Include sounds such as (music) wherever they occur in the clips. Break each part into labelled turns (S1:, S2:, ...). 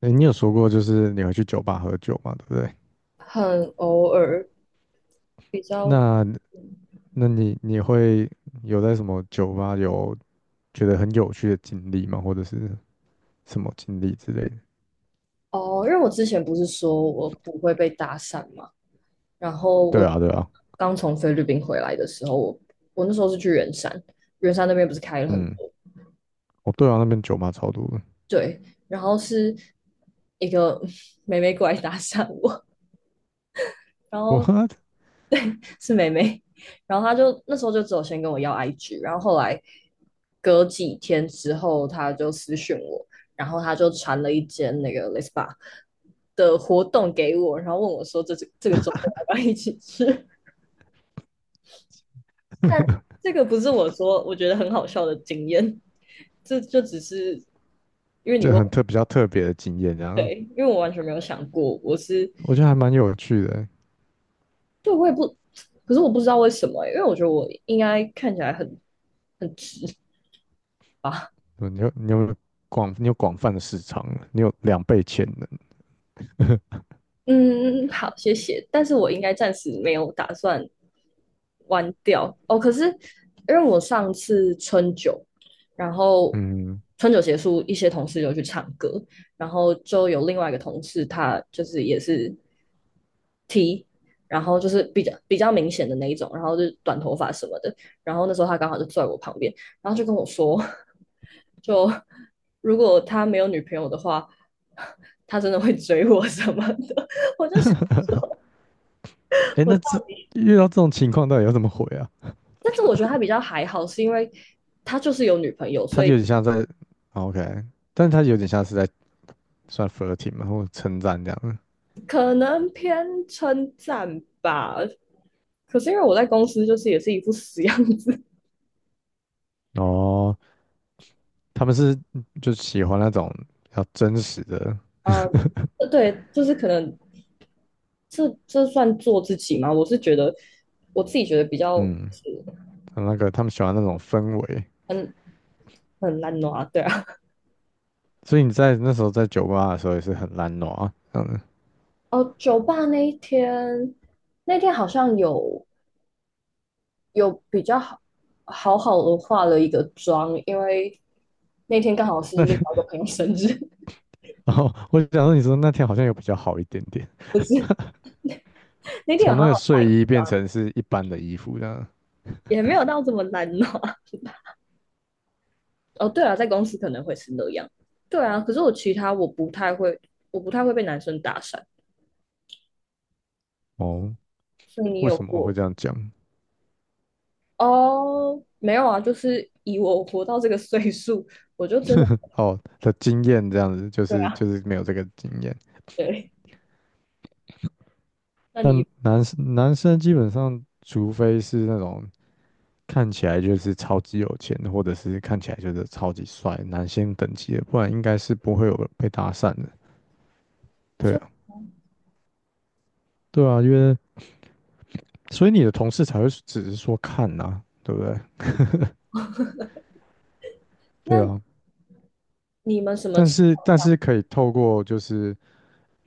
S1: 哎，你有说过就是你会去酒吧喝酒嘛，对不对？
S2: 很偶尔，比较
S1: 那那你会有在什么酒吧有觉得很有趣的经历吗？或者是什么经历之类的？
S2: 哦，因为我之前不是说我不会被搭讪嘛，然后
S1: 对
S2: 我
S1: 啊，对啊，
S2: 刚从菲律宾回来的时候，我那时候是去圆山，圆山那边不是开了很
S1: 嗯，
S2: 多，
S1: 哦，对啊，那边酒吧超多的，
S2: 对，然后是一个 (laughs) 妹妹过来搭讪我，然
S1: 我
S2: 后
S1: (laughs)
S2: 是妹妹，然后她就那时候就只有先跟我要 IG，然后后来隔几天之后，她就私讯我，然后她就传了一间那个 Lespa的活动给我，然后问我说这个周末要不要一起吃？(laughs) 这个不是我说我觉得很好笑的经验，这就只是因为你
S1: 这
S2: 问我
S1: 比较特别的经验，这样
S2: 对，因为我完全没有想过，我是
S1: 我觉得还蛮有趣的欸。
S2: 对我也不，可是我不知道为什么欸因为我觉得我应该看起来很很直吧。
S1: 嗯，你有广泛的市场，你有2倍潜能。
S2: 嗯，好，谢谢。但是我应该暂时没有打算关掉哦。可是因为我上次春酒，然后
S1: 嗯，
S2: 春酒结束，一些同事就去唱歌，然后就有另外一个同事，他就是也是 T，然后就是比较明显的那一种，然后就是短头发什么的。然后那时候他刚好就坐在我旁边，然后就跟我说，(laughs) 就如果他没有女朋友的话，(laughs) 他真的会追我什么的。我就想
S1: 哎，
S2: 我到，
S1: 遇到这种情况到底要怎么回啊？
S2: 但是我觉得他比较还好，是因为他就是有女朋友，
S1: 他
S2: 所以
S1: 有点像在 o k 但是他有点像是在算 flirting 嘛，或称赞这样。
S2: 可能偏称赞吧。可是因为我在公司就是也是一副死样子
S1: 哦，他们是就喜欢那种比较真实的，
S2: 啊、对，就是可能这算做自己吗？我是觉得我自己觉得比较
S1: 嗯，那个他们喜欢那种氛围。
S2: 很很烂拿，对啊。
S1: 所以你在那时候在酒吧的时候也是很懒惰啊，这样子。
S2: 哦，酒吧那一天，那天好像有有比较好好好的化了一个妆，因为那天刚好是
S1: 那
S2: 另外一个朋友生日，
S1: (laughs) 然后我想说，你说那天好像有比较好一点点，
S2: (laughs) 不是那天有
S1: 从
S2: 好
S1: 那个
S2: 好化，
S1: 睡衣变成是一般的衣服这样。
S2: 也没有到这么难哦。(laughs) 哦，对啊，在公司可能会是那样，对啊。可是我其他我不太会，我不太会被男生搭讪，
S1: 哦，
S2: 所以你
S1: 为
S2: 有
S1: 什么会
S2: 过
S1: 这样讲？
S2: 哦？没有啊，就是以我活到这个岁数，我就真的
S1: 哦的经验这样子，就
S2: 对
S1: 是
S2: 啊，
S1: 就是没有这个经验。
S2: 对。那
S1: 但
S2: 你
S1: 男生基本上，除非是那种看起来就是超级有钱，或者是看起来就是超级帅，男星等级的，不然应该是不会有被搭讪的。对
S2: 说，
S1: 啊，对啊，所以你的同事才会只是说看呐、对不对？对
S2: 那
S1: 啊，
S2: 你们什么
S1: 但
S2: 情
S1: 是
S2: 况
S1: 但
S2: 下
S1: 是可以透过就是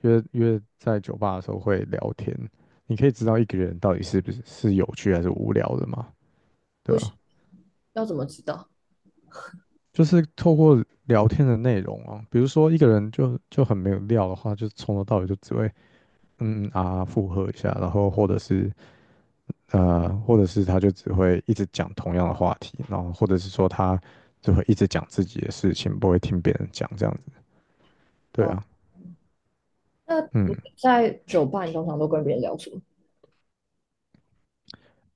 S1: 约在酒吧的时候会聊天，你可以知道一个人到底是不是有趣还是无聊的嘛，对
S2: 不需
S1: 吧、
S2: 要怎么知道？
S1: 就是透过聊天的内容啊，比如说一个人就很没有料的话，就从头到尾就只会嗯嗯啊附和一下，然后或者是或者是他就只会一直讲同样的话题，然后或者是说他就会一直讲自己的事情，不会听别人讲这样子。对
S2: 哦。
S1: 啊，
S2: 那
S1: 嗯，
S2: 你在酒吧，你通常都跟别人聊什么？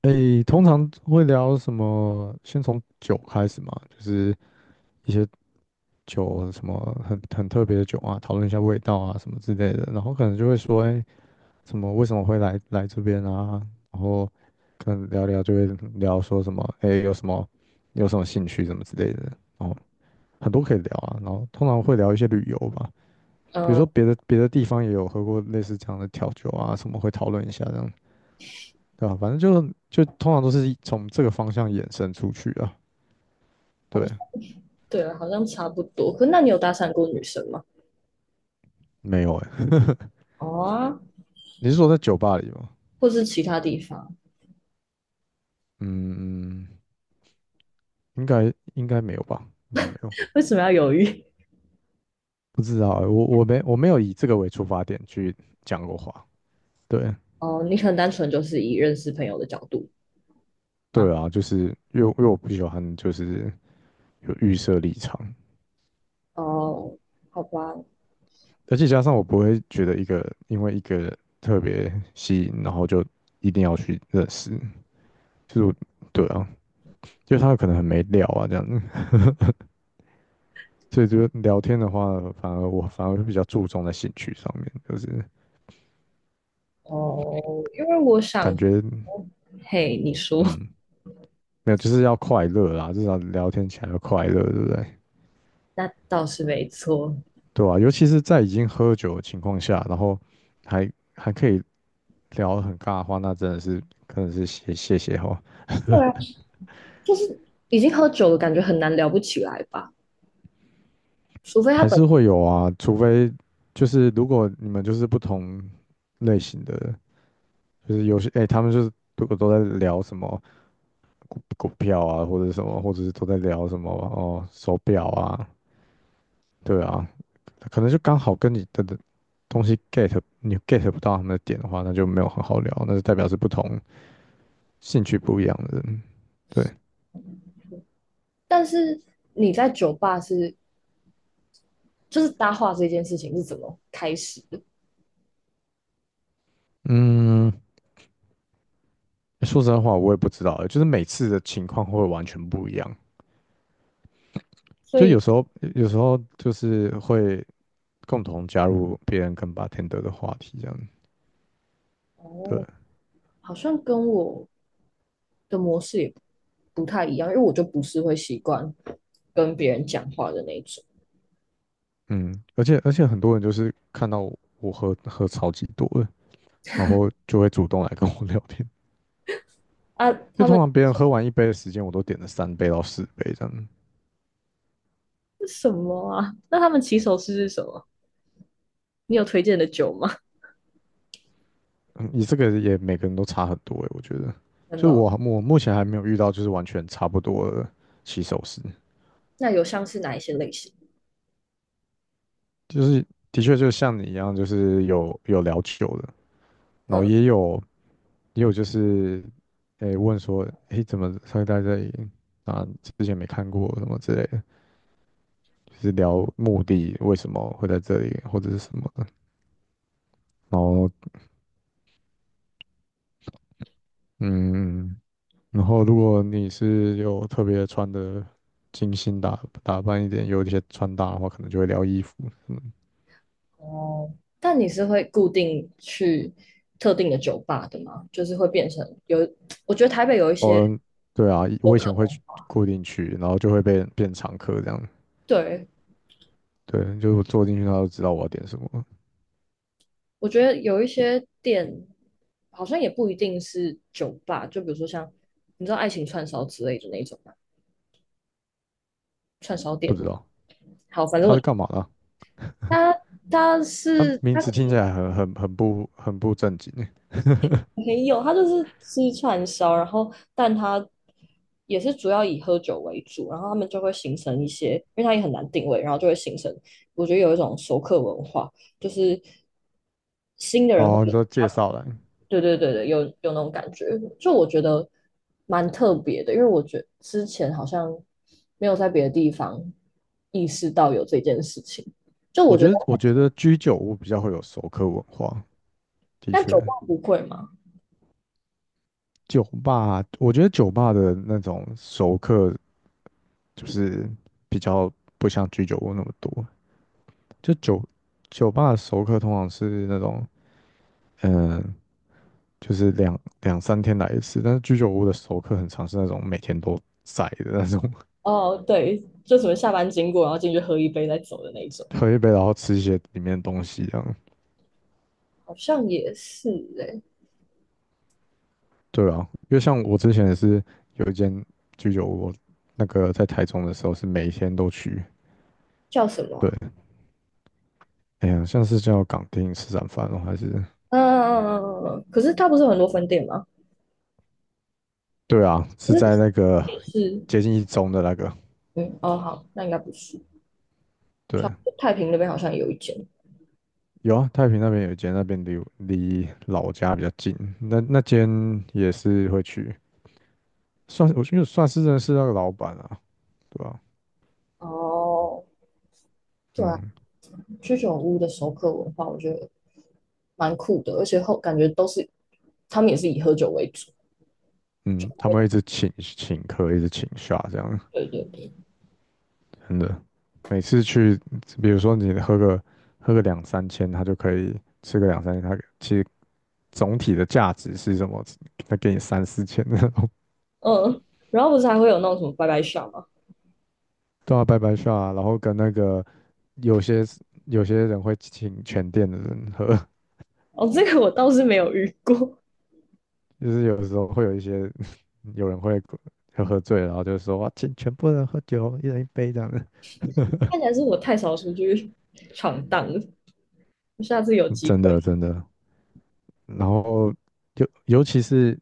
S1: 诶，通常会聊什么？先从酒开始嘛，就是一些酒什么很特别的酒啊，讨论一下味道啊什么之类的，然后可能就会说，哎，什么为什么会来这边啊，然后可能聊聊就会聊说什么，哎，有什么兴趣什么之类的，然后很多可以聊啊，然后通常会聊一些旅游吧，比如
S2: 嗯、
S1: 说别的地方也有喝过类似这样的调酒啊，什么会讨论一下这样，对吧、反正就通常都是从这个方向衍生出去啊，
S2: 好，
S1: 对，
S2: 像，对啊，好像差不多。可那你有搭讪过女生吗？
S1: 没有哎、
S2: 哦啊，
S1: 你是说在酒吧里吗？
S2: 或是其他地方？
S1: 嗯，应该没有吧，应该没有。
S2: (laughs) 为什么要犹豫？
S1: 不知道欸，我没有以这个为出发点去讲过话，对
S2: (laughs) 哦，你可能单纯就是以认识朋友的角度吗？
S1: 对啊，就是因为我不喜欢就是有预设立场，
S2: 哦，好吧，
S1: 而且加上我不会觉得一个因为一个特别吸引，然后就一定要去认识，就是我对啊，因为他可能很没料啊这样子，(laughs) 所以就聊天的话，我反而会比较注重在兴趣上面，就是
S2: 哦，因为我想
S1: 感觉
S2: 说，嘿，你说，
S1: 嗯没有就是要快乐啦，至少聊天起来要快乐，对不对？
S2: (laughs) 那倒是没错。
S1: 对啊，尤其是在已经喝酒的情况下，然后还可以聊得很尬的话，那真的是可能是谢谢哦，
S2: 对啊，就是已经喝酒了，感觉很难聊不起来吧？除非他
S1: 还
S2: 本，
S1: 是会有啊，除非就是如果你们就是不同类型的，就是有些哎、他们就是如果都在聊什么股票啊，或者什么，或者是都在聊什么哦手表啊，对啊，可能就刚好跟你的东西 get 你 get 不到他们的点的话，那就没有很好聊，那就代表是不同兴趣不一样的人，对，
S2: 但是你在酒吧是，就是搭话这件事情是怎么开始？
S1: 嗯。说真在话，我也不知道，就是每次的情况会完全不一样。
S2: 所
S1: 就有
S2: 以
S1: 时候，有时候就是会共同加入别人跟 bartender 的话题这样。对，
S2: 哦，好像跟我的模式也不太一样，因为我就不是会习惯跟别人讲话的那种。
S1: 嗯，而且很多人就是看到我喝超级多的，然后就会主动来跟我聊天。
S2: 啊，
S1: 就
S2: 他
S1: 通
S2: 们
S1: 常别人喝完一杯的时间，我都点了3到4杯这样。
S2: 是什么啊？那他们起手式是什么？你有推荐的酒吗？
S1: 嗯，你这个也每个人都差很多诶，我觉得。
S2: (laughs) 真
S1: 所
S2: 的
S1: 以
S2: 哦
S1: 我目前还没有遇到就是完全差不多的起手式。
S2: 那有像是哪一些类型？
S1: 就是的确就像你一样，就是有聊久的，然后
S2: 嗯，
S1: 也有就是，诶、问说，诶、怎么会在这里？啊，之前没看过什么之类的，就是聊目的为什么会在这里，或者是什么的。然后，嗯，然后如果你是有特别穿的精心打扮一点，有一些穿搭的话，可能就会聊衣服。嗯，
S2: 哦，但你是会固定去特定的酒吧的吗？就是会变成有，我觉得台北有一些
S1: 哦，对啊，
S2: 有
S1: 我以
S2: 可
S1: 前会
S2: 能，
S1: 去固定去，然后就会被变常客这样。
S2: 对，
S1: 对，就是我坐进去，他都知道我要点什么了
S2: 我觉得有一些店好像也不一定是酒吧，就比如说像你知道爱情串烧之类的那种嘛，串烧
S1: 不
S2: 店。
S1: 知道
S2: 好，反正
S1: 他
S2: 我
S1: 是干嘛的啊？
S2: 他他
S1: 他
S2: 是
S1: 名
S2: 他可
S1: 字听起来
S2: 能
S1: 很不正经欸。
S2: 没有，他就是吃串烧，然后但他也是主要以喝酒为主，然后他们就会形成一些，因为他也很难定位，然后就会形成我觉得有一种熟客文化，就是新的人会。
S1: 哦，
S2: 比
S1: 你说介
S2: 较。
S1: 绍栏？
S2: 对对对对，有有那种感觉，就我觉得蛮特别的，因为我觉得之前好像没有在别的地方意识到有这件事情。就我
S1: 我
S2: 觉得，
S1: 觉得我觉得居酒屋比较会有熟客文化，的
S2: 但
S1: 确，
S2: 酒吧不会嘛？
S1: 酒吧我觉得酒吧的那种熟客就是比较不像居酒屋那么多。就酒吧的熟客通常是那种嗯，就是两三天来一次，但是居酒屋的熟客很常是那种每天都在的那种。
S2: 哦，对，就什么下班经过，然后进去喝一杯再走的那一种，
S1: 喝一杯，然后吃一些里面的东西，这样。
S2: 好像也是诶、
S1: 对啊，因为像我之前也是有一间居酒屋，那个在台中的时候是每天都去。
S2: 叫什么
S1: 对，
S2: 啊
S1: 哎呀，像是叫港町吃餐饭哦，还是
S2: 嗯嗯嗯嗯嗯，嗯可是它不是有很多分店吗？
S1: 对啊，是
S2: 那
S1: 在那个
S2: 也是，
S1: 接近一中的那个。
S2: 嗯，哦，好，那应该不是，
S1: 对，
S2: 像太平那边好像有一间。
S1: 有啊，太平那边有一间，那边离老家比较近，那间也是会去，算我觉得算是认识那个老板啊，对吧、
S2: 哦，对啊，
S1: 嗯
S2: 居酒屋的熟客文化，我觉得蛮酷的，而且后感觉都是他们也是以喝酒为主。
S1: 嗯，他们会一直请客，一直请下这样。
S2: 对对对，
S1: 真的，每次去，比如说你喝个两三千，他就可以吃个两三千，他其实总体的价值是什么？他给你三四千那种，
S2: 嗯，然后不是还会有那种什么拜拜下吗？
S1: (laughs) 对啊，拜拜，啊，然后跟那个有些有些人会请全店的人喝，
S2: 哦，这个我倒是没有遇过，
S1: (laughs) 就是有的时候会有一些 (laughs) 有人会喝醉了然后就说哇，请全部人喝酒，一人一杯这样的，
S2: 看起来是我太少出去闯荡了，下次有
S1: (laughs)
S2: 机
S1: 真
S2: 会。
S1: 的真的。然后尤尤其是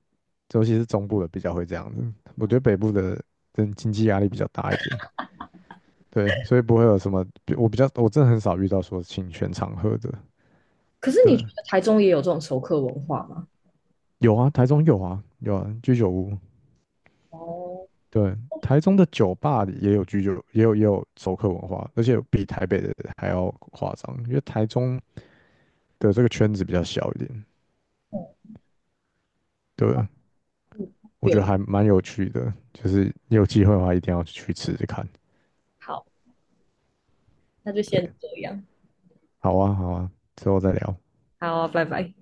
S1: 尤其是中部的比较会这样子，我觉得北部的真经济压力比较大一点，对，所以不会有什么，我比较我真的很少遇到说请全场喝的，
S2: 可是
S1: 对，
S2: 你觉得台中也有这种熟客文化吗？
S1: 有啊，台中有啊，有啊，居酒屋，
S2: 哦，
S1: 对，台中的酒吧里也有居酒，也有熟客文化，而且比台北的还要夸张，因为台中的这个圈子比较小一点，对，我觉得
S2: 有，
S1: 还蛮有趣的，就是你有机会的话一定要去吃吃看，
S2: 好，那就先
S1: 对，
S2: 这样，
S1: 好啊，好啊，之后再聊。
S2: 好啊拜拜。